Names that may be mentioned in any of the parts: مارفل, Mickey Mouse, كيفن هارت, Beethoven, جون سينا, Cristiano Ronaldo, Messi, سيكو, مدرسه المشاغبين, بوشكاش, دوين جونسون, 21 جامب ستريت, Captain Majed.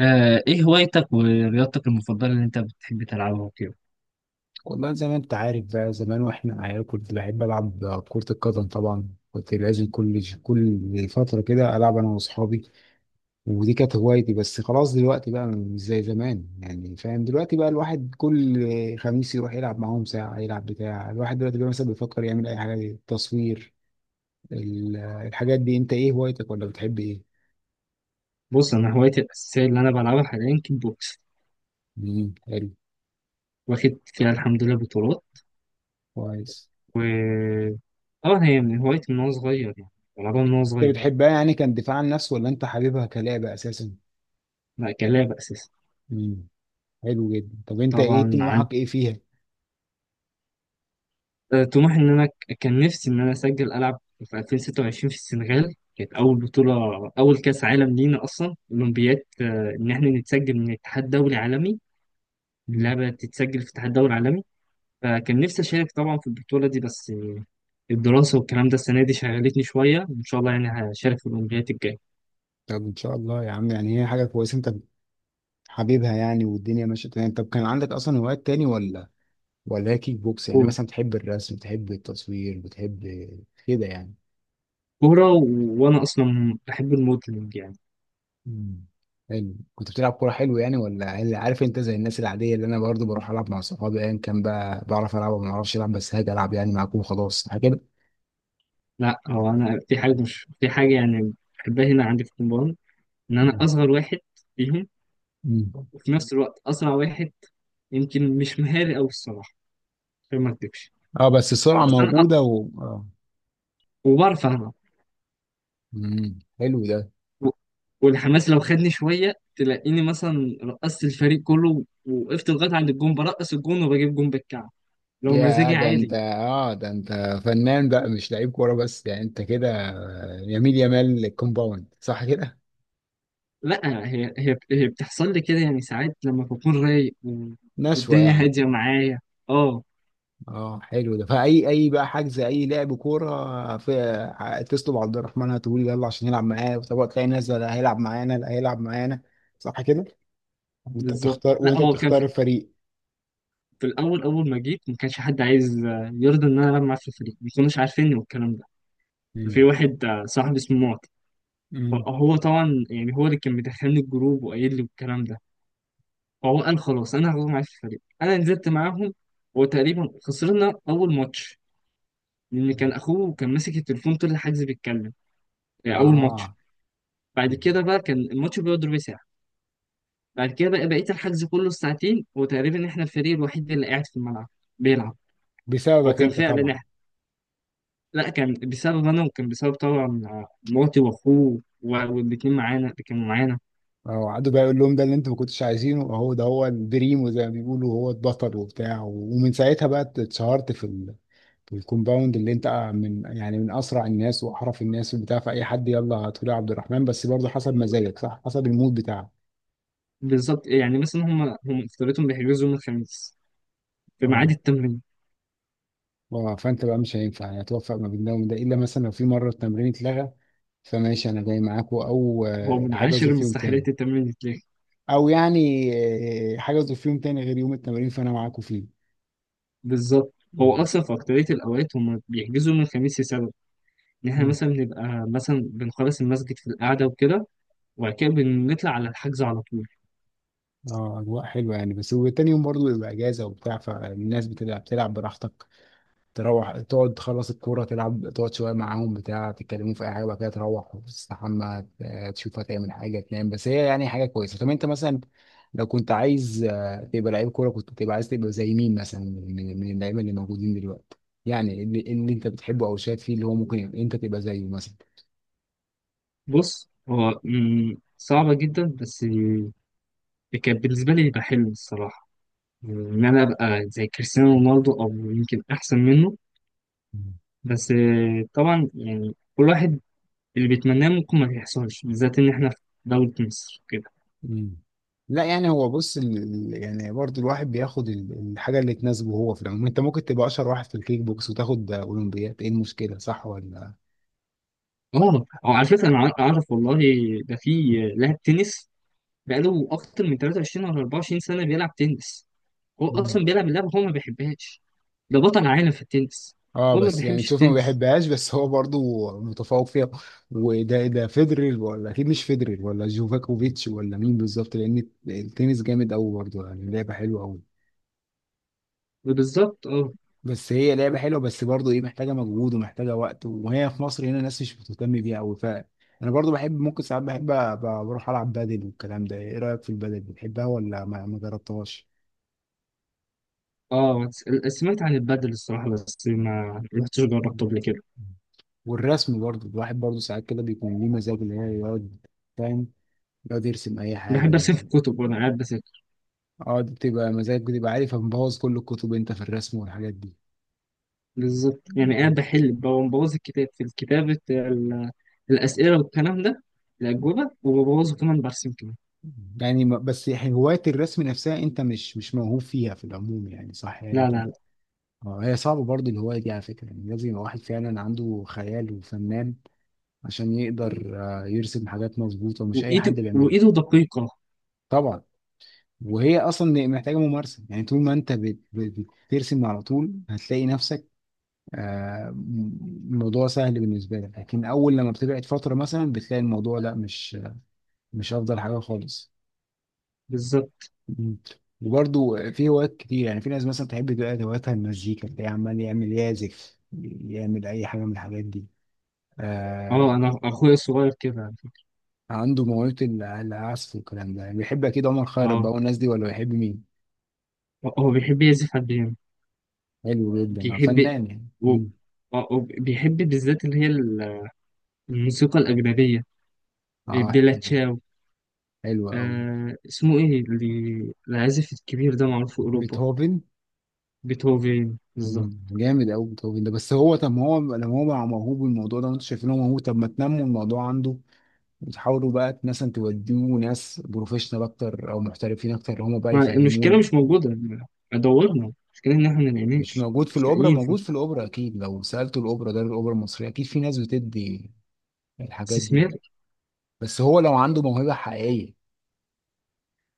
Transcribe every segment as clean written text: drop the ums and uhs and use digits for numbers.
ايه هوايتك ورياضتك المفضلة اللي انت بتحب تلعبها وكده؟ والله، زي ما انت عارف بقى زمان واحنا عيال كنت بحب العب كرة القدم. طبعا كنت لازم كل فترة كده العب انا واصحابي. ودي كانت هوايتي، بس خلاص دلوقتي بقى مش زي زمان، يعني فاهم. دلوقتي بقى الواحد كل خميس يروح يلعب معاهم ساعة يلعب بتاع. الواحد دلوقتي بقى مثلا بيفكر يعمل اي حاجة، تصوير، الحاجات دي. انت ايه هوايتك ولا بتحب ايه؟ بص، انا هوايتي الاساسية اللي انا بلعبها حاليا كيك بوكس. حلو. واخد فيها الحمد لله بطولات. كويس. و اه هي من هوايتي من وانا صغير يعني. بلعبها من وانا انت صغير. بتحبها يعني، كان دفاع عن النفس ولا انت حاببها كلعبة اساسا؟ لا، كلعبة اساسا. امم حلو جدا. طب انت ايه طبعا. عن طموحك، ايه فيها؟ آه، طموحي ان انا كان نفسي ان انا اسجل العب في 2026 في السنغال، كانت اول بطولة. اول كاس عالم لينا اصلا اولمبياد، ان احنا نتسجل من اتحاد دولي عالمي. مم. اللعبة تتسجل في اتحاد دولي عالمي. فكان نفسي أشارك طبعا في البطولة دي، بس الدراسة والكلام ده السنة دي شغلتني شوية، وإن شاء الله يعني هشارك في الأولمبياد الجاية. طب ان شاء الله يا عم، يعني هي حاجه كويسه انت حبيبها يعني، والدنيا ماشيه تمام. طب كان عندك اصلا هوايات تاني، ولا هي كيك بوكس يعني؟ كورة، مثلا بتحب الرسم، بتحب التصوير، بتحب كده يعني. كورة. وأنا أصلا بحب الموديلنج يعني. مم. حلو، كنت بتلعب كوره، حلو يعني. ولا اللي عارف، انت زي الناس العاديه اللي انا برضو بروح العب مع صحابي ايا كان بقى، بعرف العب وما اعرفش العب، بس هاجي العب يعني معاكم وخلاص، حاجه كده. لا، هو أنا في حاجة مش في حاجة يعني. بحبها هنا عندي في الكومباوند. إن أنا مم. أصغر واحد فيهم. مم. وفي نفس الوقت أسرع واحد. يمكن مش مهاري أوي الصراحة. عشان ما أكدبش. اه، بس السرعه بس أنا موجوده و اه وبعرف ألعب. حلو ده. و- والحماس لو خدني شوية، تلاقيني مثلا رقصت الفريق كله، ووقفت لغاية عند الجون برقص الجون وبجيب جون بالكعب لو يا مزاجي ده انت، عالي. ده انت فنان بقى، مش لعيب كوره بس، يعني انت كده يميل يمال الكومباوند، صح كده؟ لا، هي بتحصل لي كده يعني، ساعات لما بكون رايق نشوة والدنيا يعني. هادية معايا. اه. اه، حلو ده. فاي اي بقى حجز اي لعب كوره، في تطلب عبد الرحمن هتقول يلا عشان يلعب معايا. طب تلاقي ناس، ده لا هيلعب معانا، لا هيلعب معانا، صح كده؟ انت بالظبط. بتختار، لا، وانت هو كان بتختار في, الفريق. في الأول، أول ما جيت ما كانش حد عايز يرضى إن أنا ألعب معاه في الفريق، ما كانوش عارفيني والكلام ده. ففي امم واحد صاحبي اسمه معطي. امم هو طبعا يعني هو اللي كان مدخلني الجروب وقايل لي والكلام ده. هو قال خلاص انا هروح معاك الفريق، انا نزلت معاهم. وتقريبا خسرنا اول ماتش. لان كان اخوه كان ماسك التليفون طول الحجز بيتكلم. يعني اول ماتش. اه، بعد كده بقى كان الماتش بيقعد ربع ساعه. بعد كده بقى بقيت الحجز كله ساعتين، وتقريبا احنا الفريق الوحيد اللي قاعد في الملعب بيلعب. هو بسببك كان انت فعلا طبعا. احنا. لا، كان بسبب انا، وكان بسبب طبعا مراتي واخوه والاتنين معانا اللي كانوا معانا. اه، قعدوا بقى يقول لهم ده اللي انتوا ما كنتوش عايزينه، اهو ده هو البريمو زي ما بيقولوا، هو البطل وبتاع. ومن ساعتها بقى اتشهرت في في الكومباوند اللي انت، من يعني من اسرع الناس واحرف الناس وبتاع. فاي حد يلا هتقول يا عبد الرحمن، بس برضه حسب مزاجك، صح، حسب المود بتاعك. بالظبط. يعني مثلا هم افترضتهم بيحجزوا يوم الخميس في ميعاد اه التمرين. اه فانت بقى مش هينفع يعني توفق ما بين ده وده، الا مثلا لو في مره التمرين اتلغى فماشي انا جاي معاكم، او هو من عاشر حجزوا في يوم تاني. المستحيلات التمرين. او يعني حجزوا في يوم تاني غير يوم التمرين فانا معاكم فيه. بالظبط. هو اصلا في اكتريه الاوقات هم بيحجزوا من الخميس لسبب ان احنا مم. مثلا بنبقى مثلا بنخلص المسجد في القعده وكده. وبعد كده بنطلع على الحجز على طول. اه، اجواء حلوه يعني، بس وتاني يوم برضو بيبقى اجازه وبتاع، فالناس بتبقى بتلعب، تلعب براحتك، تروح تقعد تخلص الكوره، تلعب تقعد شويه معاهم بتاع، تتكلموا في اي حاجه وبعد كده تروح تستحمى، تشوف هتعمل حاجه، تنام. بس هي يعني حاجه كويسه. طب انت مثلا لو كنت عايز تبقى لعيب كوره، كنت تبقى عايز تبقى زي مين مثلا، من من اللعيبه اللي موجودين دلوقتي، يعني اللي انت بتحبه او شايف فيه اللي هو ممكن انت تبقى زيه مثلا؟ بص، هو صعبه جدا، بس كان بالنسبه لي يبقى حلم الصراحه، ان انا ابقى زي كريستيانو رونالدو او يمكن احسن منه. بس طبعا يعني كل واحد اللي بيتمناه ممكن ما يحصلش، بالذات ان احنا في دوله مصر كده. مم. لا يعني، هو بص يعني برضو الواحد بياخد الحاجة اللي تناسبه. هو في العموم انت ممكن تبقى اشهر واحد في الكيك بوكس وتاخد اولمبياد، ايه المشكلة؟ صح ولا؟ اه، أو على فكره، انا اعرف والله ده في لاعب تنس بقاله اكتر من 23 ولا 24 سنه بيلعب تنس. هو مم. اصلا بيلعب اللعبه هو ما بيحبهاش. ده بطل عالم في التنس. اه، هو ما بس يعني بيحبش شوف، ما التنس. بيحبهاش بس هو برضو متفوق فيها. وده ده فيدرر ولا اكيد مش فيدرر ولا جوفاكوفيتش، ولا مين بالظبط؟ لان التنس جامد قوي برضو، يعني لعبة حلوة قوي. بالظبط. اه. بس هي لعبة حلوة بس برضه ايه، محتاجة مجهود ومحتاجة وقت، وهي في مصر هنا الناس مش بتهتم بيها أوي. ف أنا برضه بحب، ممكن ساعات بحب بروح ألعب بادل والكلام ده. ايه رأيك في البادل، بتحبها ولا ما جربتهاش؟ اه، سمعت عن البادل الصراحه بس ما رحتش جربته مم. قبل كده. والرسم برضه الواحد برضه ساعات كده بيكون ليه مزاج اللي هو يقعد، فاهم، يقعد يرسم أي بحب حاجة ارسم في يعني. الكتب وانا قاعد بذاكر. اه، دي بتبقى مزاج، بتبقى عارف مبوظ كل الكتب أنت في الرسم والحاجات دي. بالظبط. يعني قاعد مم. بحل ببوظ الكتاب في الكتابه الاسئله والكلام ده، الاجوبه وببوظه كمان برسم كمان. يعني بس يعني هواية الرسم نفسها أنت مش موهوب فيها في العموم يعني، صح يعني لا، أنت. لا، لا. هي صعبة برضه الهواية دي على فكرة، يعني لازم يبقى واحد فعلا عنده خيال وفنان عشان يقدر يرسم حاجات مظبوطة، مش أي وايده حد بيعملها. وايده دقيقه. طبعا. وهي أصلا محتاجة ممارسة، يعني طول ما أنت بترسم على طول هتلاقي نفسك، آه، الموضوع سهل بالنسبة لك، لكن أول لما بتبعد فترة مثلا بتلاقي الموضوع لا، مش، مش أفضل حاجة خالص. بالظبط. مم. وبرضه في هوايات كتير يعني، في ناس مثلا تحب تبقى هواياتها المزيكا، تلاقيه عمال يعمل يعزف يعمل أي حاجة من الحاجات دي. آه اه، انا اخويا الصغير كده. عنده موهبة العزف والكلام ده يعني، بيحب أكيد عمر خيرت اه، بقى والناس دي، ولا بيحب مين؟ هو بيحب يعزف على البيانو. حلو جدا، بيحب فنان يعني. و... مم. بيحب بالذات اللي هي الموسيقى الأجنبية. اه، بيلا حلو. تشاو. حلو أوي اسمه إيه اللي العازف الكبير ده معروف في أوروبا؟ بيتهوفن. بيتهوفن. بالظبط. جامد أوي بيتهوفن ده. بس هو طب ما هو لما هو بقى موهوب بالموضوع ده وأنتوا شايفين هو موهوب، طب ما تنموا الموضوع عنده، وتحاولوا بقى مثلا توديه ناس بروفيشنال أكتر أو محترفين أكتر هم بقى المشكلة يفهموه. مش موجودة. دورنا. المشكلة إن إحنا مش ملاقيناش، موجود في مش الأوبرا، لاقيين موجود في الأوبرا أكيد، لو سألتوا الأوبرا، ده الأوبرا المصرية أكيد في ناس بتدي الحاجات دي. استثمار. بس هو لو عنده موهبة حقيقية.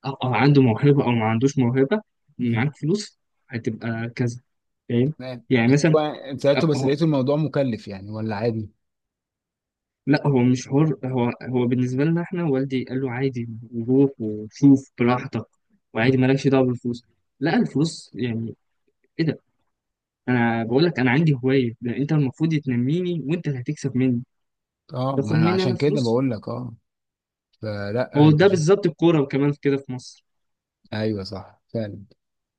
أو عنده موهبة أو ما عندوش موهبة، مم. معاك فلوس، هتبقى كذا. فاهم؟ تمام يعني بس مثلا، سألته آه، بس آه، لقيته الموضوع مكلف يعني ولا عادي؟ لا هو مش حر هو. هو بالنسبة لنا احنا والدي قال له عادي، روح وشوف براحتك، مم. وعادي مالكش دعوة بالفلوس. لا، الفلوس يعني ايه ده؟ انا بقول لك انا عندي هواية، ده انت المفروض تنميني، وانت اللي هتكسب مني. اه، ما تاخد انا مني انا عشان كده فلوس؟ بقول لك. اه، فلا هو انت ده شوف. بالظبط الكورة وكمان كده في مصر. ايوه، صح فعلا.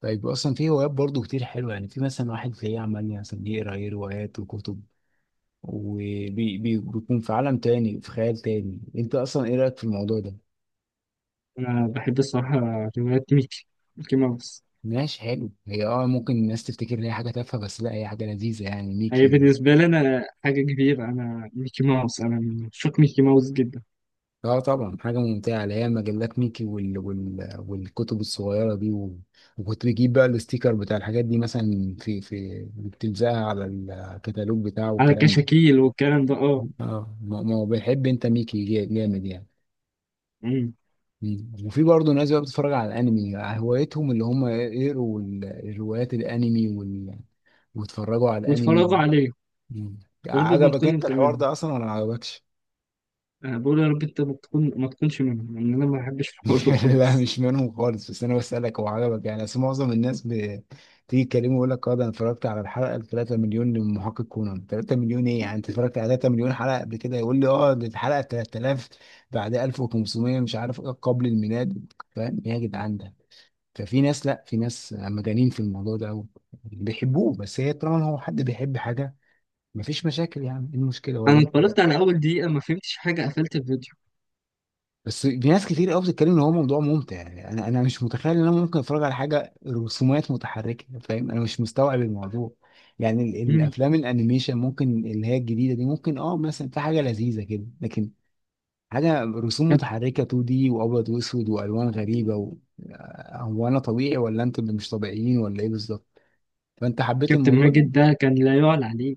طيب اصلا في هوايات برضو كتير حلوه، يعني في مثلا واحد زي عمال مثلا يقرا، ايه، روايات وكتب وبيكون في عالم تاني، في خيال تاني. انت اصلا ايه رايك في الموضوع ده؟ انا بحب الصراحة روايات ميكي، ميكي ماوس. ماشي، حلو. هي اه، ممكن الناس تفتكر ان هي حاجه تافهه بس لا، هي حاجه لذيذه يعني هي ميكي. بالنسبة لي انا حاجة كبيرة، انا ميكي ماوس، انا من عشاق ميكي ماوس جدا. اه طبعا، حاجة ممتعة، اللي هي مجلات ميكي والكتب الصغيرة دي، و... وكنت بجيب بقى الاستيكر بتاع الحاجات دي، مثلا في بتلزقها على الكتالوج بتاعه على والكلام ده. كشاكيل والكلام ده، اه. اه، ما هو بيحب انت، ميكي جامد يعني. مم. مم. وفي برضه ناس بقى بتتفرج على الانمي، هوايتهم اللي هم يقروا الروايات، الانمي ويتفرجوا على واتفرجوا الانمي. عليه. مم. يا رب ما عجبك تكون انت انت الحوار منهم. ده اصلا ولا ما عجبكش؟ انا بقول يا رب انت ما تكونش منهم، لان انا ما بحبش الحوار ده لا خالص. مش منهم خالص، بس انا بسألك هو عجبك يعني؟ اصل معظم الناس بتيجي تكلمه يقول لك اه، ده انا اتفرجت على الحلقه ال 3 مليون لمحقق كونان. 3 مليون ايه يعني؟ انت اتفرجت على 3 مليون حلقه قبل كده؟ يقول لي اه دي الحلقه 3000 بعد 1500 مش عارف ايه قبل الميلاد. فاهم إيه يا جدعان ده؟ ففي ناس، لا في ناس مجانين في الموضوع ده أوي. بيحبوه. بس هي طالما هو حد بيحب حاجه، مفيش مشاكل يعني، ايه المشكله، ولا انا انت؟ اتفرجت على اول دقيقه، ما فهمتش حاجه، قفلت الفيديو. بس في ناس كتير قوي بتتكلم ان هو موضوع ممتع، يعني انا مش متخيل ان انا ممكن اتفرج على حاجه رسومات متحركه. فاهم، انا مش مستوعب الموضوع. يعني امم. الافلام الانيميشن ممكن اللي هي الجديده دي، ممكن اه مثلا في حاجه لذيذه كده، لكن حاجه رسوم كابت... متحركه 2 دي، وابيض واسود والوان غريبه و... هو انا طبيعي ولا انتوا اللي مش طبيعيين، ولا ايه بالظبط؟ فانت حبيت كابتن الموضوع ده. ماجد ده كان لا يعلى عليه.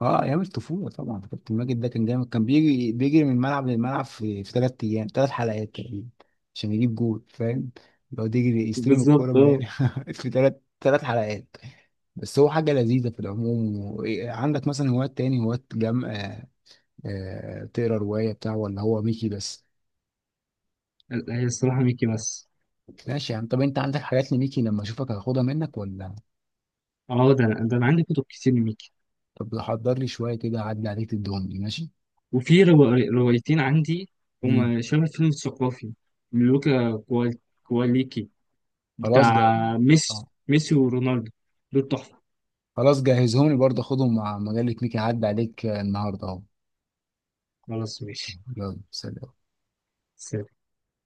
اه، ايام الطفوله طبعا كابتن ماجد ده كان جامد، كان بيجري بيجري من ملعب للملعب في ثلاث ايام ثلاث حلقات تقريبا عشان يجيب جول، فاهم، يقعد يجري يستلم الكوره بالظبط. من اه. هنا. في ثلاث حلقات. بس هو حاجه لذيذه في العموم. و- إيه، عندك مثلا هوايات تاني، هوايات جم آه آه، تقرا روايه بتاع ولا هو ميكي بس؟ لا، هي الصراحه ميكي بس. ماشي يعني. طب انت عندك حاجات لميكي لما اشوفك هاخدها منك ولا؟ اه، ده انا عندي كتب كتير لميكي. طب حضر لي شويه كده، اعدي عليك تدهم لي ماشي. وفي روايتين عندي. مم. هما شبه فيلم الثقافي. لوكا كواليكي خلاص بتاع جاي. ميسي ورونالدو. دول تحفه. خلاص جهزهم لي، برضه خدهم مع مجلة ميكي عدى عليك النهارده اهو. خلاص ماشي. يلا سلام.